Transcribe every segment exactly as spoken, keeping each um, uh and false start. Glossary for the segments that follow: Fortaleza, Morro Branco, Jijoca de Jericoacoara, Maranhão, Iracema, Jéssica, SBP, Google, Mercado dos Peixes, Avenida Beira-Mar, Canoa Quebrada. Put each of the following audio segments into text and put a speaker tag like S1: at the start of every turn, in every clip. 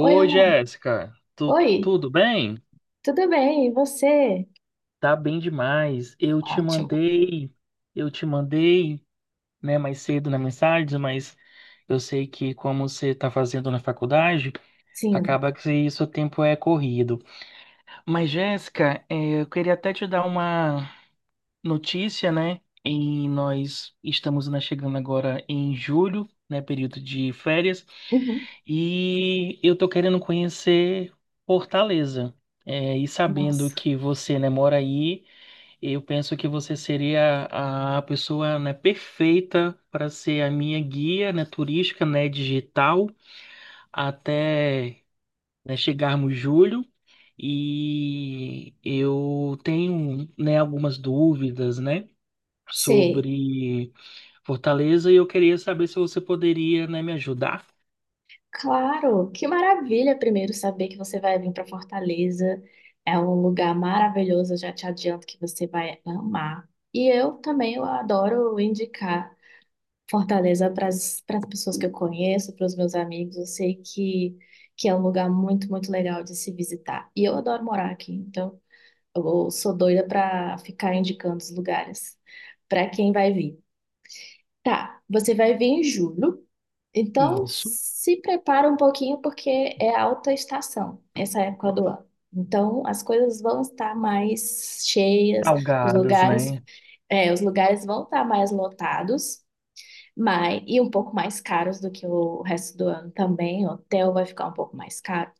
S1: Oi, Rô.
S2: Jéssica, tu,
S1: Oi,
S2: tudo bem?
S1: tudo bem? E você?
S2: Tá bem demais. Eu te
S1: Ótimo.
S2: mandei, eu te mandei, né, mais cedo na mensagem, mas eu sei que como você tá fazendo na faculdade,
S1: Sim.
S2: acaba que seu tempo é corrido. Mas, Jéssica, eh, eu queria até te dar uma notícia, né? E nós estamos né, chegando agora em julho, né, período de férias.
S1: Uhum.
S2: E eu tô querendo conhecer Fortaleza. É, e sabendo
S1: Nossa.
S2: que você, né, mora aí, eu penso que você seria a pessoa, né, perfeita para ser a minha guia, né, turística, né, digital, até, né, chegarmos julho. E eu tenho, né, algumas dúvidas, né,
S1: Sei.
S2: sobre Fortaleza e eu queria saber se você poderia, né, me ajudar.
S1: Claro, que maravilha primeiro saber que você vai vir para Fortaleza. É um lugar maravilhoso, eu já te adianto que você vai amar. E eu também eu adoro indicar Fortaleza para as pessoas que eu conheço, para os meus amigos. Eu sei que, que é um lugar muito, muito legal de se visitar. E eu adoro morar aqui, então. Eu sou doida pra ficar indicando os lugares pra quem vai vir. Tá, você vai vir em julho, então
S2: Isso.
S1: se prepara um pouquinho porque é alta estação essa época do ano. Então as coisas vão estar mais cheias, os
S2: Salgadas,
S1: lugares,
S2: né?
S1: é, os lugares vão estar mais lotados, mas e um pouco mais caros do que o resto do ano também. O hotel vai ficar um pouco mais caro.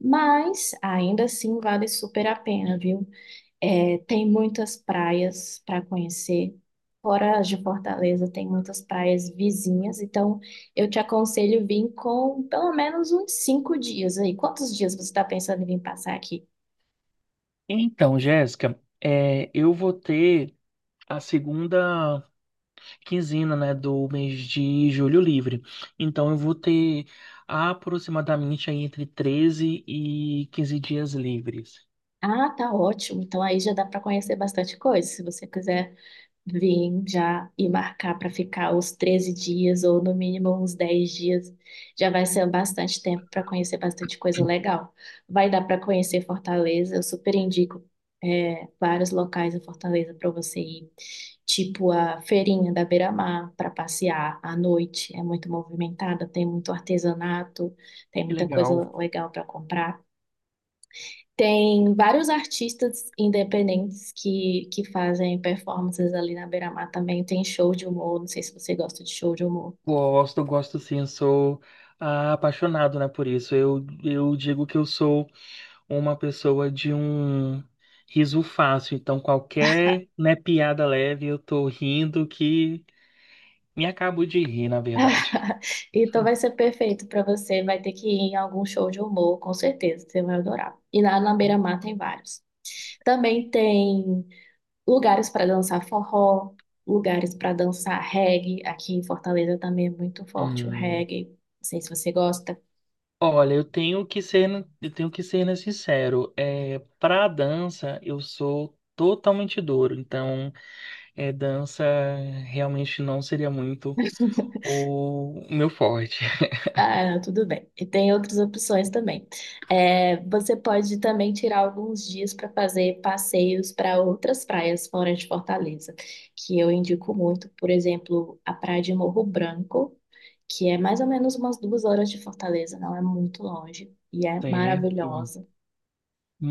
S1: Mas ainda assim vale super a pena, viu? É, tem muitas praias para conhecer. Fora as de Fortaleza, tem muitas praias vizinhas. Então, eu te aconselho vir com pelo menos uns cinco dias aí. Quantos dias você está pensando em vir passar aqui?
S2: Então, Jéssica, é, eu vou ter a segunda quinzena, né, do mês de julho livre. Então, eu vou ter aproximadamente aí entre treze e quinze dias livres.
S1: Ah, tá ótimo. Então, aí já dá para conhecer bastante coisa. Se você quiser vim já e marcar para ficar os treze dias ou no mínimo uns dez dias. Já vai ser bastante tempo para conhecer bastante coisa legal. Vai dar para conhecer Fortaleza, eu super indico é, vários locais em Fortaleza para você ir, tipo a feirinha da Beira-Mar para passear à noite. É muito movimentada, tem muito artesanato, tem
S2: Que
S1: muita
S2: legal.
S1: coisa legal para comprar. Tem vários artistas independentes que, que fazem performances ali na Beira-Mar também. Tem show de humor, não sei se você gosta de show de humor.
S2: Gosto, gosto sim, sou ah, apaixonado, né, por isso. Eu, eu digo que eu sou uma pessoa de um riso fácil. Então, qualquer, né, piada leve, eu tô rindo que me acabo de rir, na verdade.
S1: Então vai ser perfeito para você. Vai ter que ir em algum show de humor, com certeza, você vai adorar. E lá na Beira-Mar tem vários. Também tem lugares para dançar forró, lugares para dançar reggae. Aqui em Fortaleza também é muito forte o
S2: Hum.
S1: reggae. Não sei se você gosta.
S2: Olha, eu tenho que ser, eu tenho que ser né, sincero. É, para dança, eu sou totalmente duro. Então, é, dança realmente não seria muito o meu forte.
S1: Ah, tudo bem. E tem outras opções também. É, você pode também tirar alguns dias para fazer passeios para outras praias fora de Fortaleza, que eu indico muito, por exemplo, a praia de Morro Branco, que é mais ou menos umas duas horas de Fortaleza, não é muito longe, e é
S2: Certo.
S1: maravilhosa.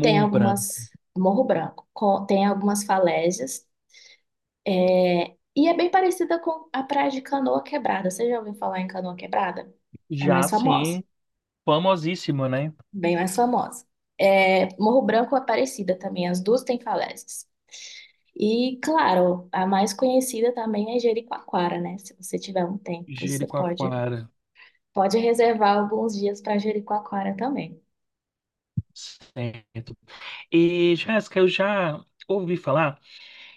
S1: Tem
S2: Branco.
S1: algumas, Morro Branco, co- tem algumas falésias, e é bem parecida com a praia de Canoa Quebrada. Você já ouviu falar em Canoa Quebrada? É
S2: Já
S1: mais famosa.
S2: sim, famosíssimo, né?
S1: Bem mais famosa. É, Morro Branco e Aparecida também, as duas têm falésias. E, claro, a mais conhecida também é Jericoacoara, né? Se você tiver um tempo, você pode,
S2: Jericoacoara.
S1: pode reservar alguns dias para Jericoacoara também,
S2: Certo. E, Jéssica, eu já ouvi falar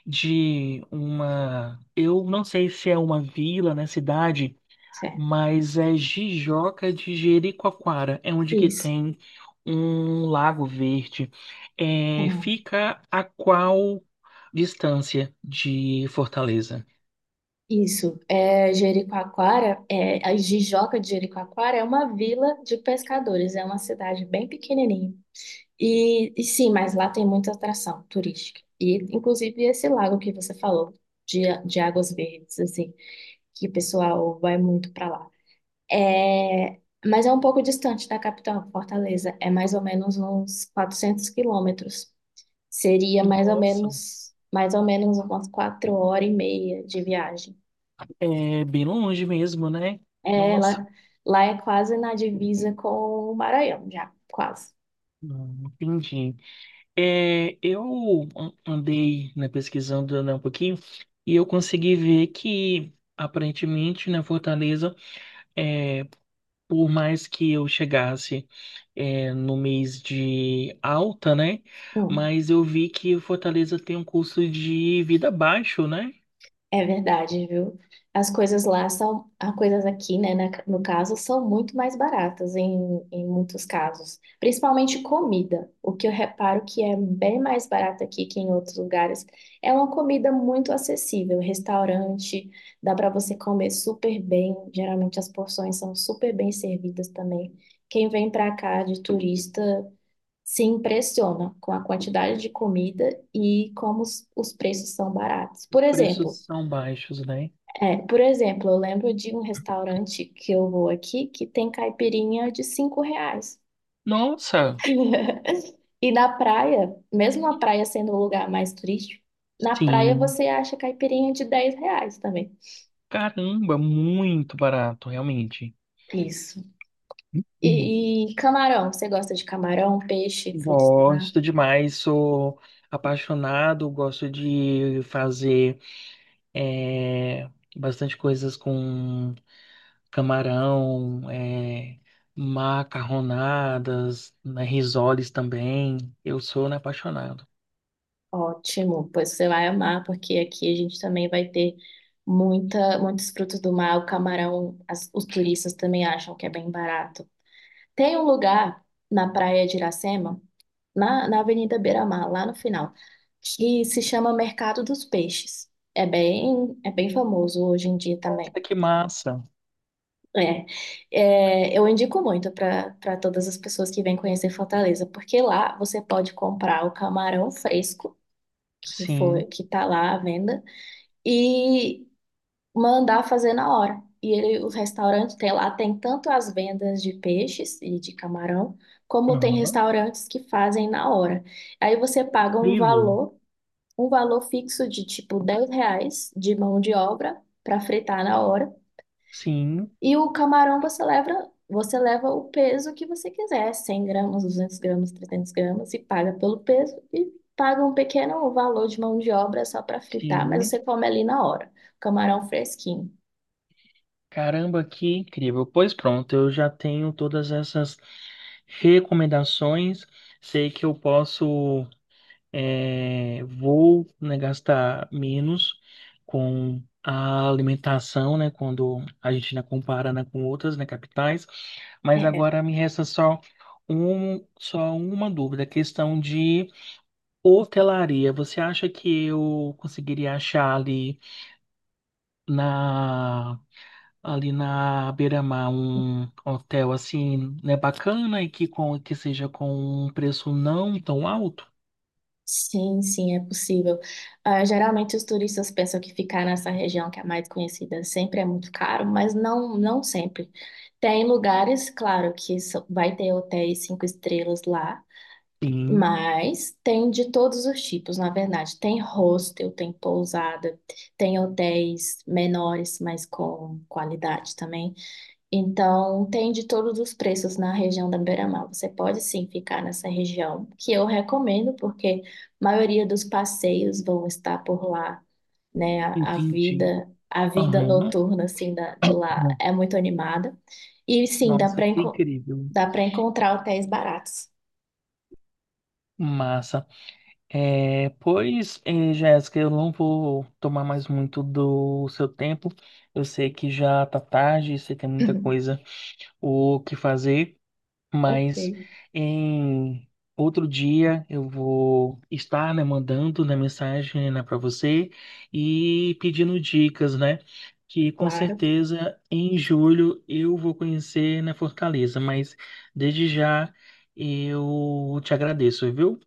S2: de uma. Eu não sei se é uma vila, né? Cidade.
S1: certo?
S2: Mas é Jijoca de Jericoacoara. É onde que
S1: Isso,
S2: tem um lago verde. É,
S1: tem.
S2: fica a qual distância de Fortaleza?
S1: Isso, é, Jericoacoara, é, a Jijoca de Jericoacoara é uma vila de pescadores, é uma cidade bem pequenininha. E, e sim, mas lá tem muita atração turística. E, inclusive, esse lago que você falou, de, de águas verdes, assim, que o pessoal vai muito para lá. É, mas é um pouco distante da capital, Fortaleza. É mais ou menos uns quatrocentos quilômetros. Seria mais ou
S2: Nossa,
S1: menos, mais ou menos umas quatro horas e meia de viagem.
S2: é bem longe mesmo, né?
S1: É,
S2: Nossa,
S1: lá, lá é quase na divisa com o Maranhão, já, quase.
S2: hum, entendi. É, eu an- andei, né, pesquisando, né, um pouquinho e eu consegui ver que aparentemente, na Fortaleza, é, por mais que eu chegasse é, no mês de alta, né?
S1: Hum.
S2: Mas eu vi que o Fortaleza tem um custo de vida baixo, né?
S1: É verdade, viu? As coisas lá são, as coisas aqui, né, na- no caso, são muito mais baratas em, em muitos casos, principalmente comida. O que eu reparo que é bem mais barato aqui que em outros lugares é uma comida muito acessível, restaurante, dá para você comer super bem, geralmente as porções são super bem servidas também. Quem vem para cá de turista se impressiona com a quantidade de comida e como os os preços são baratos. Por
S2: Preços
S1: exemplo,
S2: são baixos, né?
S1: é, por exemplo, eu lembro de um restaurante que eu vou aqui que tem caipirinha de cinco reais.
S2: Nossa,
S1: E na praia, mesmo a praia sendo o lugar mais turístico, na praia
S2: sim,
S1: você acha caipirinha de dez reais também.
S2: caramba, muito barato, realmente.
S1: Isso.
S2: Hum.
S1: E, e camarão, você gosta de camarão, peixe, frutos do mar?
S2: Gosto demais, sou apaixonado, gosto de fazer é, bastante coisas com camarão, é, macarronadas, né, risoles também. Eu sou né, apaixonado.
S1: Ótimo, pois você vai amar, porque aqui a gente também vai ter muita, muitos frutos do mar. O camarão, as- os turistas também acham que é bem barato. Tem um lugar na praia de Iracema, na, na Avenida Beira-Mar, lá no final, que se chama Mercado dos Peixes. É bem, é bem famoso hoje em dia também.
S2: Nossa, que massa!
S1: É, é, eu indico muito para para todas as pessoas que vêm conhecer Fortaleza, porque lá você pode comprar o camarão fresco, que foi
S2: Sim.
S1: que tá lá à venda, e mandar fazer na hora. E ele, o restaurante tem lá, tem tanto as vendas de peixes e de camarão, como tem
S2: Aham.
S1: restaurantes que fazem na hora. Aí você paga um
S2: Incrível.
S1: valor, um valor fixo de tipo dez reais de mão de obra para fritar na hora.
S2: Sim,
S1: E o camarão você leva, você leva o peso que você quiser, cem gramas, duzentos gramas, trezentos gramas, e paga pelo peso e paga um pequeno valor de mão de obra só para fritar, mas você
S2: sim.
S1: come ali na hora. Camarão fresquinho.
S2: Caramba, que incrível. Pois pronto, eu já tenho todas essas recomendações. Sei que eu posso. É, vou, né, gastar menos com a alimentação, né, quando a gente né, compara, né, com outras, né, capitais. Mas
S1: É,
S2: agora me resta só um, só uma dúvida, a questão de hotelaria. Você acha que eu conseguiria achar ali na ali na beira-mar um hotel assim, né, bacana e que com que seja com um preço não tão alto?
S1: sim, sim, é possível. Ah, geralmente os turistas pensam que ficar nessa região que é mais conhecida sempre é muito caro, mas não, não sempre. Tem lugares, claro, que só- vai ter hotéis cinco estrelas lá,
S2: Sim,
S1: mas tem de todos os tipos, na verdade. Tem hostel, tem pousada, tem hotéis menores, mas com qualidade também. Então, tem de todos os preços na região da Beira-Mar. Você pode sim ficar nessa região, que eu recomendo, porque a maioria dos passeios vão estar por lá, né? A, a
S2: entendi.
S1: vida, a vida
S2: Aham.
S1: noturna assim da, de lá
S2: Hum.
S1: é muito animada. E sim, dá
S2: Nossa,
S1: para
S2: que incrível.
S1: dá para encontrar hotéis baratos.
S2: Massa. É, pois, eh, Jéssica, eu não vou tomar mais muito do seu tempo. Eu sei que já tá tarde, você tem muita coisa o que fazer.
S1: Ok,
S2: Mas em outro dia eu vou estar, né, mandando né, mensagem né, para você e pedindo dicas, né? Que com
S1: claro.
S2: certeza em julho eu vou conhecer na Fortaleza, mas desde já eu te agradeço, viu?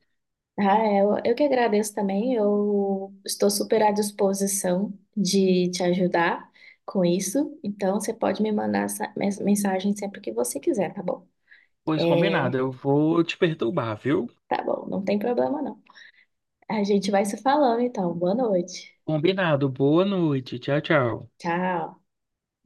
S1: Ah, é, eu, eu que agradeço também. Eu estou super à disposição de te ajudar com isso. Então, você pode me mandar essa mes- mensagem sempre que você quiser, tá bom?
S2: Pois
S1: É,
S2: combinado, eu vou te perturbar, viu?
S1: tá bom, não tem problema não. A gente vai se falando então. Boa noite.
S2: Combinado, boa noite, tchau, tchau.
S1: Tchau.